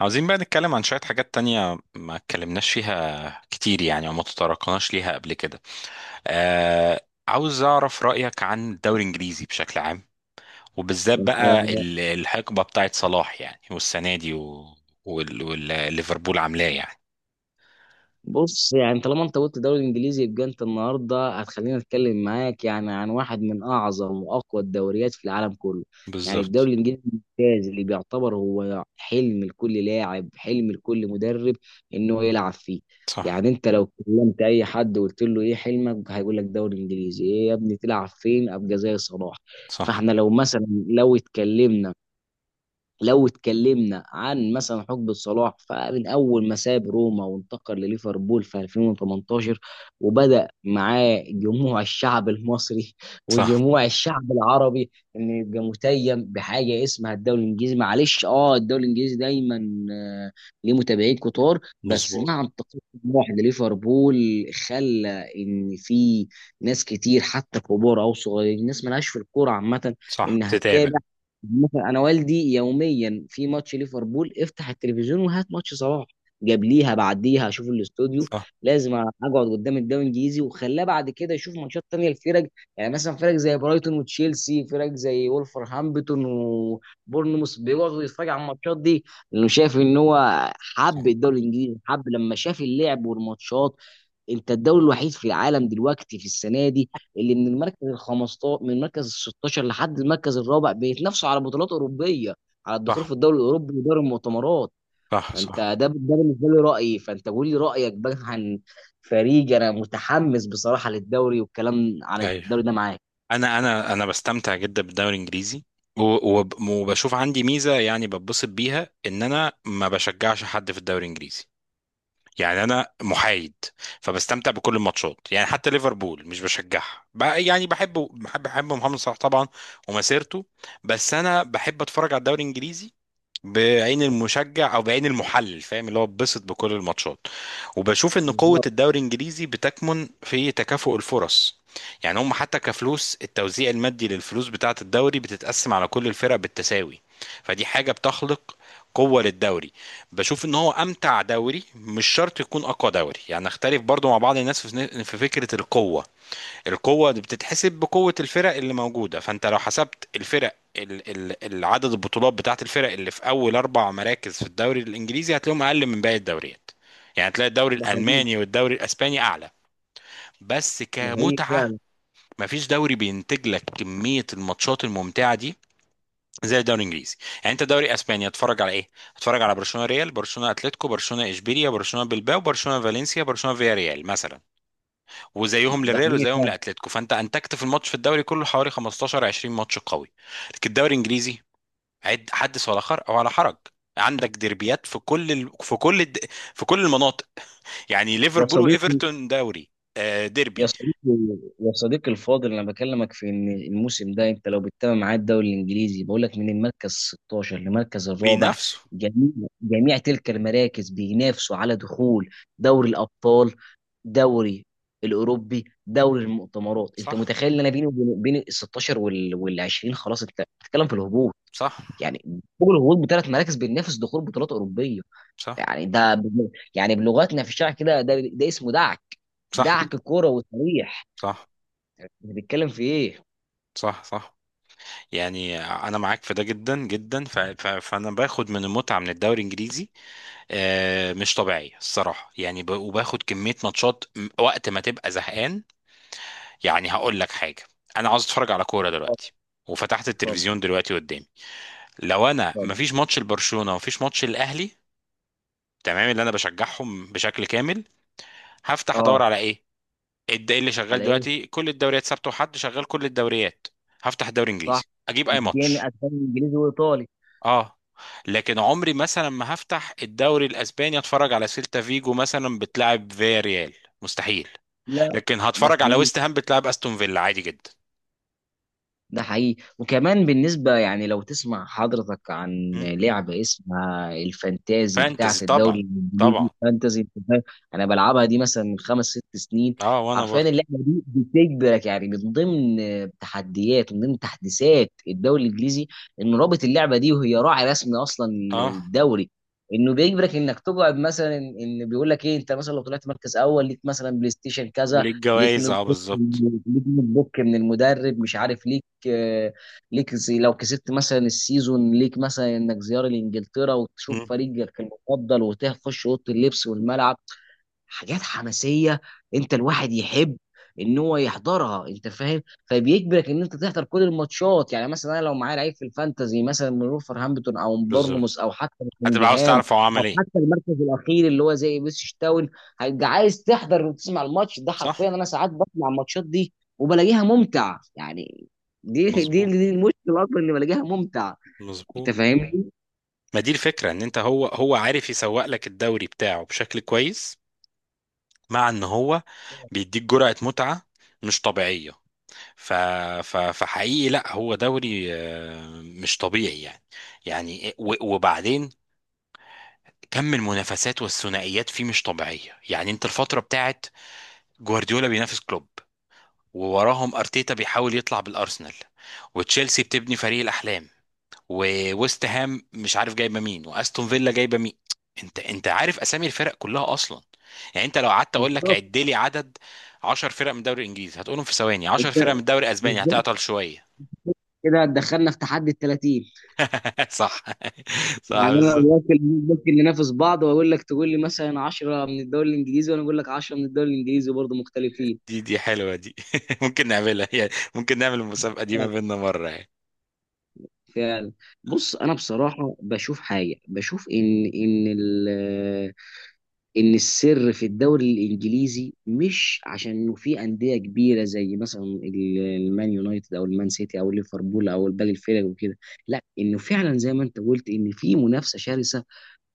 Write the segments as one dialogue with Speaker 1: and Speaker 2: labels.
Speaker 1: عاوزين بقى نتكلم عن شوية حاجات تانية ما اتكلمناش فيها كتير، يعني، وما تطرقناش ليها قبل كده. آه. عاوز أعرف رأيك عن الدوري الإنجليزي بشكل عام. وبالذات
Speaker 2: انت
Speaker 1: بقى الحقبة بتاعت صلاح، يعني، والسنة دي و- والليفربول عاملاه، يعني.
Speaker 2: بص يعني طالما انت قلت دوري انجليزي يبقى انت النهارده هتخليني اتكلم معاك يعني عن واحد من اعظم واقوى الدوريات في العالم كله. يعني
Speaker 1: بالظبط.
Speaker 2: الدوري الانجليزي الممتاز اللي بيعتبر هو حلم لكل لاعب، حلم لكل مدرب انه يلعب فيه.
Speaker 1: صح.
Speaker 2: يعني انت لو كلمت اي حد وقلت له ايه حلمك هيقول لك دوري انجليزي، ايه يا ابني تلعب فين، ابقى زي صلاح.
Speaker 1: صح.
Speaker 2: فاحنا لو مثلا لو اتكلمنا عن مثلا حقبة صلاح، فمن أول ما ساب روما وانتقل لليفربول في 2018 وبدأ معاه جموع الشعب المصري
Speaker 1: صح.
Speaker 2: وجموع الشعب العربي إنه يبقى متيم بحاجة اسمها الدوري الإنجليزي. معلش، أه الدوري الإنجليزي دايما آه، ليه متابعين كتار، بس
Speaker 1: مظبوط.
Speaker 2: مع انتقال جموع لليفربول خلى إن في ناس كتير، حتى كبار أو صغيرين، ناس ملهاش في الكورة عامة
Speaker 1: صح،
Speaker 2: إنها
Speaker 1: تتابع.
Speaker 2: تتابع. مثلا انا والدي يوميا في ماتش ليفربول افتح التلفزيون وهات ماتش صلاح، جابليها بعديها اشوف الاستوديو،
Speaker 1: صح.
Speaker 2: لازم اقعد قدام الدوري الانجليزي. وخلاه بعد كده يشوف ماتشات تانية الفرق، يعني مثلا فرق زي برايتون وتشيلسي، فرق زي وولفرهامبتون وبورنموث، بيقعدوا يتفرج على الماتشات دي لانه شايف ان هو
Speaker 1: صح.
Speaker 2: حب الدوري الانجليزي، حب لما شاف اللعب والماتشات. انت الدوري الوحيد في العالم دلوقتي في السنه دي اللي من المركز ال 15 من المركز ال 16 لحد المركز الرابع بيتنافسوا على بطولات اوروبيه، على الدخول
Speaker 1: صح،
Speaker 2: في الدوري الاوروبي ودوري المؤتمرات.
Speaker 1: صح,
Speaker 2: فانت
Speaker 1: صح.
Speaker 2: ده بالنسبه لي رايي، فانت قول لي رايك بقى عن فريق. انا متحمس بصراحه للدوري والكلام عن
Speaker 1: ايوه.
Speaker 2: الدوري ده معاك.
Speaker 1: انا بستمتع جدا بالدوري الانجليزي. وبشوف عندي ميزه، يعني بتبسط بيها ان انا ما بشجعش حد في الدوري الانجليزي. يعني انا محايد. فبستمتع بكل الماتشات، يعني حتى ليفربول مش بشجعها بقى. يعني بحب محمد صلاح طبعا ومسيرته. بس انا بحب اتفرج على الدوري الانجليزي بعين المشجع او بعين المحلل، فاهم اللي هو بتبسط بكل الماتشات. وبشوف ان قوة
Speaker 2: بالظبط.
Speaker 1: الدوري الانجليزي بتكمن في تكافؤ الفرص. يعني هم حتى كفلوس، التوزيع المادي للفلوس بتاعة الدوري بتتقسم على كل الفرق بالتساوي. فدي حاجة بتخلق قوة للدوري. بشوف ان هو امتع دوري، مش شرط يكون اقوى دوري. يعني اختلف برضو مع بعض الناس في فكرة القوة. القوة دي بتتحسب بقوة الفرق اللي موجودة. فانت لو حسبت الفرق العدد البطولات بتاعت الفرق اللي في اول اربع مراكز في الدوري الانجليزي هتلاقيهم اقل من باقي الدوريات. يعني تلاقي الدوري
Speaker 2: ده حقيقي.
Speaker 1: الالماني والدوري الاسباني اعلى، بس
Speaker 2: ده حقيقي
Speaker 1: كمتعة
Speaker 2: فعلا.
Speaker 1: مفيش دوري بينتج لك كمية الماتشات الممتعة دي زي الدوري الانجليزي. يعني انت دوري اسبانيا اتفرج على ايه؟ اتفرج على برشلونه ريال، برشلونه اتلتيكو، برشلونه اشبيليا، برشلونه بلباو، برشلونه فالنسيا، برشلونه فيا ريال مثلا، وزيهم
Speaker 2: ده
Speaker 1: للريال
Speaker 2: حقيقي
Speaker 1: وزيهم
Speaker 2: فعلا.
Speaker 1: لاتلتيكو. فانت انتجت في الماتش، في الدوري كله حوالي 15 20 ماتش قوي. لكن الدوري الانجليزي، عد، حدث ولا خر ولا حرج. عندك ديربيات في كل ال... في كل الد... في كل المناطق. يعني
Speaker 2: يا
Speaker 1: ليفربول
Speaker 2: صديقي،
Speaker 1: وايفرتون دوري، آه،
Speaker 2: يا
Speaker 1: ديربي،
Speaker 2: صديقي يا صديقي الفاضل، انا بكلمك في ان الموسم ده انت لو بتتابع معايا الدوري الانجليزي، بقول لك من المركز 16 لمركز الرابع
Speaker 1: بينافسوا.
Speaker 2: جميع جميع تلك المراكز بينافسوا على دخول دوري الابطال، دوري الاوروبي، دوري المؤتمرات. انت
Speaker 1: صح.
Speaker 2: متخيل ان انا بيني وبين ال 16 وال 20 خلاص انت بتتكلم في الهبوط.
Speaker 1: صح.
Speaker 2: يعني فوق الهبوط بثلاث مراكز بينافس دخول بطولات اوروبيه.
Speaker 1: صح.
Speaker 2: يعني ده، يعني بلغتنا في الشارع كده ده اسمه دعك،
Speaker 1: صح.
Speaker 2: دعك كوره وتاريخ.
Speaker 1: صح.
Speaker 2: بنتكلم في ايه؟
Speaker 1: صح. صح. يعني انا معاك في ده جدا جدا. فانا باخد من المتعه من الدوري الانجليزي مش طبيعي الصراحه، يعني وباخد كميه ماتشات وقت ما تبقى زهقان. يعني هقول لك حاجه، انا عاوز اتفرج على كوره
Speaker 2: اتفضل.
Speaker 1: دلوقتي وفتحت
Speaker 2: اتفضل.
Speaker 1: التلفزيون دلوقتي قدامي، لو انا
Speaker 2: اتفضل.
Speaker 1: مفيش ماتش لبرشلونه ومفيش ماتش الاهلي، تمام اللي انا بشجعهم بشكل كامل، هفتح
Speaker 2: اه.
Speaker 1: ادور على ايه؟ ايه اللي شغال
Speaker 2: على ايه؟
Speaker 1: دلوقتي؟ كل الدوريات سبت وحد شغال كل الدوريات. هفتح الدوري
Speaker 2: صح.
Speaker 1: الانجليزي اجيب اي ماتش.
Speaker 2: اسباني، اسباني، انجليزي وايطالي.
Speaker 1: اه. لكن عمري مثلا ما هفتح الدوري الاسباني اتفرج على سيلتا فيجو مثلا بتلعب فيا ريال، مستحيل.
Speaker 2: لا،
Speaker 1: لكن
Speaker 2: ده
Speaker 1: هتفرج على
Speaker 2: حقيقي.
Speaker 1: ويست هام بتلعب استون فيلا عادي جدا.
Speaker 2: ده حقيقي وكمان بالنسبة، يعني لو تسمع حضرتك عن
Speaker 1: مم.
Speaker 2: لعبة اسمها الفانتازي بتاعة
Speaker 1: فانتزي
Speaker 2: الدوري
Speaker 1: طبعا.
Speaker 2: الإنجليزي،
Speaker 1: طبعا.
Speaker 2: فانتازي، أنت فاهم؟ أنا بلعبها دي مثلا من خمس ست سنين.
Speaker 1: اه، وانا
Speaker 2: حرفيا
Speaker 1: برضو.
Speaker 2: اللعبة دي بتجبرك، يعني من ضمن تحديات ومن ضمن تحديثات الدوري الإنجليزي إنه رابط اللعبة دي وهي راعي رسمي أصلا
Speaker 1: اه،
Speaker 2: للدوري، انه بيجبرك انك تقعد مثلا إن بيقول لك ايه، انت مثلا لو طلعت مركز اول ليك مثلا بلاي ستيشن كذا،
Speaker 1: وليه
Speaker 2: ليك
Speaker 1: الجوائز،
Speaker 2: نوت
Speaker 1: اه
Speaker 2: بوك،
Speaker 1: بالظبط.
Speaker 2: من المدرب مش عارف ليه آه، ليك، زي لو كسبت مثلا السيزون ليك مثلا انك زياره لانجلترا وتشوف
Speaker 1: مم.
Speaker 2: فريقك المفضل وتخش اوضه اللبس والملعب. حاجات حماسيه انت الواحد يحب ان هو يحضرها، انت فاهم؟ فبيجبرك ان انت تحضر كل الماتشات. يعني مثلا انا لو معايا لعيب في الفانتازي مثلا من ولفرهامبتون او من
Speaker 1: بالظبط،
Speaker 2: بورنموث او حتى من
Speaker 1: هتبقى عاوز
Speaker 2: نوتنجهام
Speaker 1: تعرف هو عمل
Speaker 2: او
Speaker 1: ايه.
Speaker 2: حتى المركز الاخير اللي هو زي بيسش تاون، هيبقى عايز تحضر وتسمع الماتش ده.
Speaker 1: صح.
Speaker 2: حرفيا انا ساعات بسمع الماتشات دي وبلاقيها ممتع يعني. دي دي
Speaker 1: مظبوط.
Speaker 2: دي المشكله اصلا اني بلاقيها ممتع. انت
Speaker 1: مظبوط.
Speaker 2: فاهمني؟
Speaker 1: ما دي الفكرة، ان انت هو عارف يسوق لك الدوري بتاعه بشكل كويس، مع ان هو بيديك جرعة متعة مش طبيعية. ف... فحقيقي، لا هو دوري مش طبيعي يعني. يعني وبعدين كم المنافسات والثنائيات فيه مش طبيعية. يعني انت الفترة بتاعت جوارديولا بينافس كلوب، ووراهم ارتيتا بيحاول يطلع بالارسنال، وتشيلسي بتبني فريق الاحلام، وويست هام مش عارف جايبه مين، واستون فيلا جايبه مين. انت عارف اسامي الفرق كلها اصلا. يعني انت لو قعدت اقول لك
Speaker 2: بالظبط.
Speaker 1: عد لي عدد 10 فرق من الدوري الانجليزي هتقولهم في ثواني، 10
Speaker 2: انت
Speaker 1: فرق من الدوري الاسباني
Speaker 2: بالظبط
Speaker 1: هتعطل شويه.
Speaker 2: كده دخلنا في تحدي ال 30.
Speaker 1: صح. صح،
Speaker 2: يعني انا
Speaker 1: بالظبط.
Speaker 2: ممكن ننافس بعض واقول لك تقول لي مثلا 10 من الدوري الانجليزي وانا اقول لك 10 من الدوري الانجليزي برضه مختلفين.
Speaker 1: دي حلوة دي. ممكن نعملها، يعني ممكن نعمل المسابقة دي ما
Speaker 2: فعلا.
Speaker 1: بيننا مرة، يعني.
Speaker 2: فعلا. بص انا بصراحه بشوف حاجه، بشوف ان السر في الدوري الانجليزي مش عشان انه في انديه كبيره زي مثلا المان يونايتد او المان سيتي او ليفربول او باقي الفرق وكده، لا، انه فعلا زي ما انت قلت ان في منافسه شرسه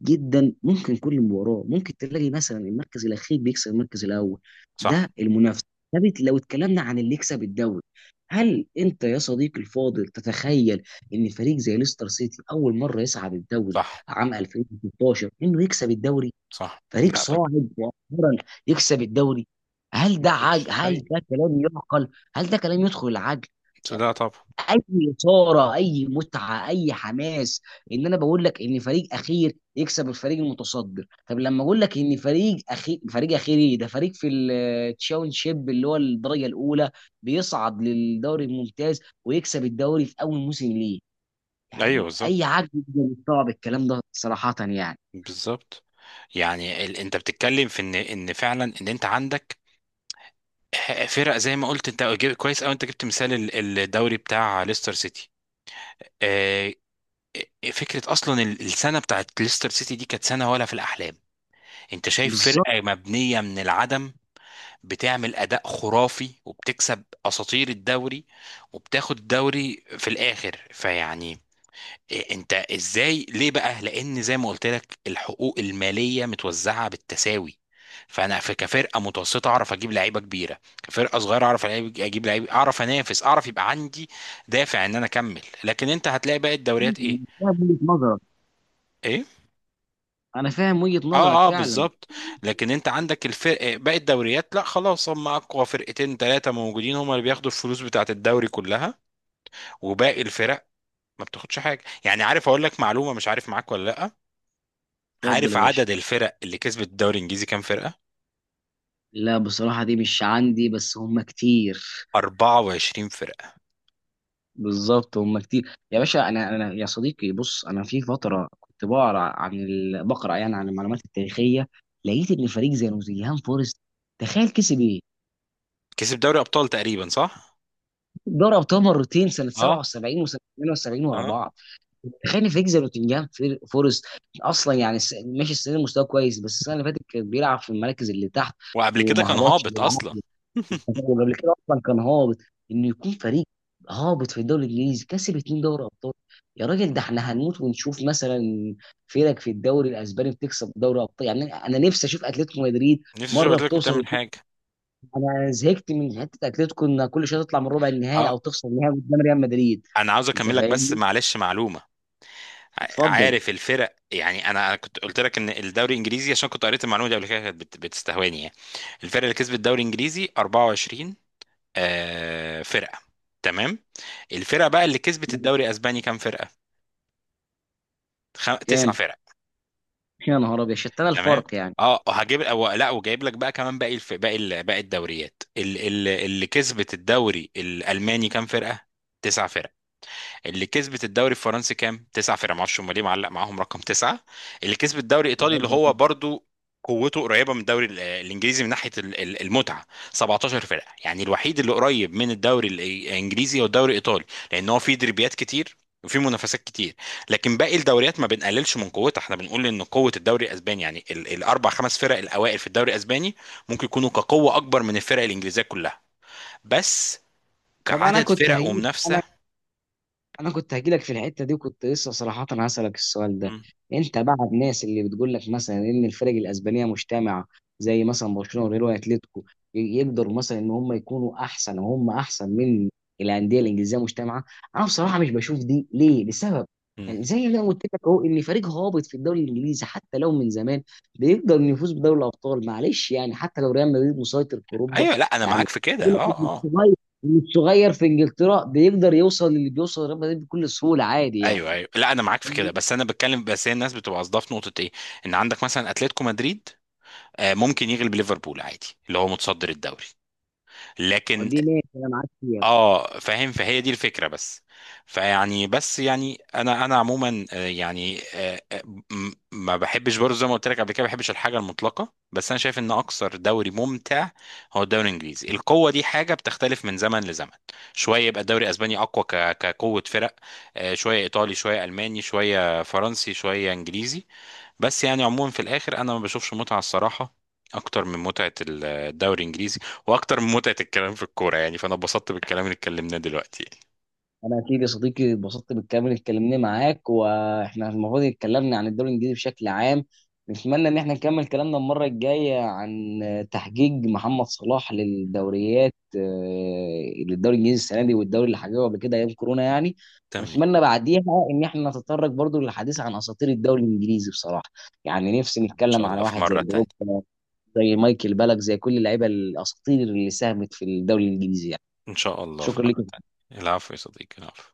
Speaker 2: جدا، ممكن كل مباراه ممكن تلاقي مثلا المركز الاخير بيكسب المركز الاول،
Speaker 1: صح.
Speaker 2: ده المنافسه. طب لو اتكلمنا عن اللي يكسب الدوري، هل انت يا صديقي الفاضل تتخيل ان فريق زي ليستر سيتي اول مره يصعد الدوري
Speaker 1: صح.
Speaker 2: عام 2016 انه يكسب الدوري؟
Speaker 1: صح.
Speaker 2: فريق
Speaker 1: لا طب،
Speaker 2: صاعد مؤخرا يكسب الدوري.
Speaker 1: ما كنتش.
Speaker 2: هل
Speaker 1: ايوه.
Speaker 2: ده كلام يعقل؟ هل ده كلام يدخل العقل يعني؟
Speaker 1: لا طب.
Speaker 2: اي اثاره، اي متعه، اي حماس، ان انا بقول لك ان فريق اخير يكسب الفريق المتصدر. طب لما اقول لك ان فريق اخير، فريق اخير ايه ده، فريق في التشاونشيب اللي هو الدرجه الاولى بيصعد للدوري الممتاز ويكسب الدوري في اول موسم ليه،
Speaker 1: ايوه،
Speaker 2: يعني اي
Speaker 1: بالظبط.
Speaker 2: عقل يقدر يستوعب الكلام ده صراحه يعني؟
Speaker 1: بالظبط. يعني، انت بتتكلم في ان فعلا ان انت عندك فرق، زي ما قلت انت كويس، او انت جبت مثال الدوري بتاع ليستر سيتي. آه، فكرة، أصلا السنة بتاعت ليستر سيتي دي كانت سنة ولا في الأحلام. أنت شايف
Speaker 2: بالظبط.
Speaker 1: فرقة مبنية من العدم بتعمل اداء خرافي وبتكسب اساطير الدوري وبتاخد الدوري في الاخر. فيعني إيه؟ انت ازاي ليه بقى؟ لان زي ما قلت لك الحقوق الماليه متوزعه بالتساوي، فانا في كفرقه متوسطه اعرف اجيب لعيبه كبيره، كفرقه صغيره اعرف اجيب لعيبه، اعرف انافس، اعرف يبقى عندي دافع ان انا اكمل. لكن انت هتلاقي باقي الدوريات
Speaker 2: أنا
Speaker 1: ايه؟
Speaker 2: فاهم وجهه نظرك.
Speaker 1: ايه؟
Speaker 2: انا فاهم وجهه نظرك
Speaker 1: اه، اه،
Speaker 2: فعلا.
Speaker 1: بالظبط. لكن انت عندك الفرق باقي الدوريات، لا خلاص هم اقوى فرقتين ثلاثه موجودين هم اللي بياخدوا الفلوس بتاعه الدوري كلها، وباقي الفرق ما بتاخدش حاجه. يعني عارف، اقول لك معلومه، مش عارف معاك ولا لا.
Speaker 2: اتفضل
Speaker 1: عارف
Speaker 2: يا باشا.
Speaker 1: عدد الفرق اللي كسبت الدوري الانجليزي كام فرقه؟
Speaker 2: لا بصراحه دي مش عندي، بس هم كتير.
Speaker 1: 24 فرقه.
Speaker 2: بالظبط هم كتير يا باشا. انا يا صديقي، بص انا في فتره كنت بقرا عن بقرا يعني عن المعلومات التاريخيه، لقيت ان فريق زي نوتنجهام فورست تخيل كسب ايه؟
Speaker 1: كسب دوري ابطال تقريبا، صح.
Speaker 2: دوري ابطال مرتين، سنه
Speaker 1: اه.
Speaker 2: 77 وسنه 78 ورا
Speaker 1: اه.
Speaker 2: بعض. تخيل ان فريق زي نوتنجهام فورست اصلا، يعني ماشي السنه دي مستواه كويس، بس السنه اللي فاتت كان بيلعب في المراكز اللي تحت
Speaker 1: وقبل كده
Speaker 2: وما
Speaker 1: كان
Speaker 2: هبطش
Speaker 1: هابط اصلا.
Speaker 2: بالعافيه، وقبل كده اصلا كان هابط. انه يكون فريق هابط في الدوري الانجليزي كسب اتنين دوري ابطال! يا راجل ده احنا هنموت ونشوف مثلا فرق في الدوري الاسباني بتكسب دوري ابطال. يعني انا نفسي اشوف اتلتيكو مدريد
Speaker 1: نفسي اشوف،
Speaker 2: مره
Speaker 1: قلت لك
Speaker 2: بتوصل
Speaker 1: بتعمل
Speaker 2: وبتكسب.
Speaker 1: حاجه.
Speaker 2: انا زهقت من حته اتلتيكو انها كل شويه تطلع من ربع النهائي
Speaker 1: اه.
Speaker 2: او تخسر النهائي قدام ريال مدريد.
Speaker 1: انا عاوز
Speaker 2: انت
Speaker 1: اكمل لك بس
Speaker 2: فاهمني؟
Speaker 1: معلش، معلومه.
Speaker 2: اتفضل.
Speaker 1: عارف الفرق، يعني انا كنت قلت لك ان الدوري الانجليزي، عشان كنت قريت المعلومه دي قبل كده كانت بتستهواني يعني. الفرق اللي كسبت الدوري الانجليزي 24 فرقه. تمام. الفرقه بقى اللي كسبت الدوري الاسباني كام فرقه؟ تسع
Speaker 2: كام؟
Speaker 1: فرق.
Speaker 2: يا نهار ابيض، شتان
Speaker 1: تمام.
Speaker 2: الفرق يعني.
Speaker 1: اه، هجيب أو لا وجايب لك بقى كمان باقي الدوريات. اللي كسبت الدوري الالماني كام فرقه؟ تسع فرق. اللي كسبت الدوري الفرنسي كام؟ تسعة فرق، معرفش هم ليه معلق معاهم رقم تسعة. اللي كسب الدوري الإيطالي، اللي هو برضو قوته قريبة من الدوري الإنجليزي من ناحية المتعة، 17 فرقة. يعني الوحيد اللي قريب من الدوري الإنجليزي هو الدوري الإيطالي، لأن هو فيه دربيات كتير وفي منافسات كتير. لكن باقي الدوريات ما بنقللش من قوتها، احنا بنقول ان قوه الدوري الاسباني يعني الاربع خمس فرق الاوائل في الدوري الاسباني ممكن يكونوا كقوه اكبر من الفرق الانجليزيه كلها، بس
Speaker 2: طب انا
Speaker 1: كعدد
Speaker 2: كنت
Speaker 1: فرق
Speaker 2: هجيب،
Speaker 1: ومنافسه.
Speaker 2: انا كنت هجيلك في الحته دي وكنت لسه صراحه هسألك السؤال ده. انت بقى الناس اللي بتقول لك مثلا ان الفرق الاسبانيه مجتمعه زي مثلا برشلونه وريال واتليتيكو يقدروا مثلا ان هم يكونوا احسن، وهم احسن من الانديه الانجليزيه مجتمعه. انا بصراحه مش بشوف دي ليه، لسبب،
Speaker 1: مم.
Speaker 2: يعني زي ما أنا قلت لك اهو ان فريق هابط في الدوري الانجليزي حتى لو من زمان بيقدر إنه يفوز بدوري الابطال، معلش يعني حتى لو ريال مدريد مسيطر في اوروبا.
Speaker 1: ايوه، لا انا
Speaker 2: يعني
Speaker 1: معاك في كده، اه، اه.
Speaker 2: والصغير في انجلترا بيقدر يوصل للي بيوصل ريال مدريد بكل سهوله، عادي يعني.
Speaker 1: ايوه، ايوه، لا انا معاك في كده، بس انا بتكلم، بس هي الناس بتبقى قصدها في نقطه ايه، ان عندك مثلا اتلتيكو مدريد ممكن يغلب ليفربول عادي، اللي هو متصدر الدوري. لكن
Speaker 2: دي ماشي انا معاك فيها.
Speaker 1: اه فاهم، فهي دي الفكره بس. فيعني بس يعني انا عموما، يعني، ما بحبش برضه، زي ما قلت لك قبل كده ما بحبش الحاجه المطلقه، بس انا شايف ان اكثر دوري ممتع هو الدوري الانجليزي. القوه دي حاجه بتختلف من زمن لزمن، شويه يبقى الدوري الاسباني اقوى كقوه فرق، شويه ايطالي، شويه الماني، شويه فرنسي، شويه انجليزي. بس يعني عموما في الاخر انا ما بشوفش متعه الصراحه اكتر من متعه الدوري الانجليزي، واكتر من متعه الكلام في الكوره. يعني فانا اتبسطت بالكلام اللي اتكلمناه دلوقتي.
Speaker 2: انا اكيد يا صديقي اتبسطت بالكلام اللي اتكلمناه معاك، واحنا المفروض اتكلمنا عن الدوري الانجليزي بشكل عام. نتمنى ان احنا نكمل كلامنا المره الجايه عن تحقيق محمد صلاح للدوريات، للدوري الانجليزي السنه دي، والدوري اللي حققه قبل كده ايام كورونا يعني.
Speaker 1: تمام.
Speaker 2: ونتمنى بعديها ان احنا نتطرق برضو للحديث عن اساطير الدوري الانجليزي بصراحه. يعني نفسي
Speaker 1: ان
Speaker 2: نتكلم
Speaker 1: شاء
Speaker 2: على
Speaker 1: الله في
Speaker 2: واحد زي
Speaker 1: مره تانية.
Speaker 2: دروب، زي مايكل بالك، زي كل اللعيبه الاساطير اللي ساهمت في الدوري الانجليزي يعني.
Speaker 1: ان شاء الله في
Speaker 2: شكرا
Speaker 1: مره
Speaker 2: لك.
Speaker 1: تانية. العفو يا صديقي، العفو.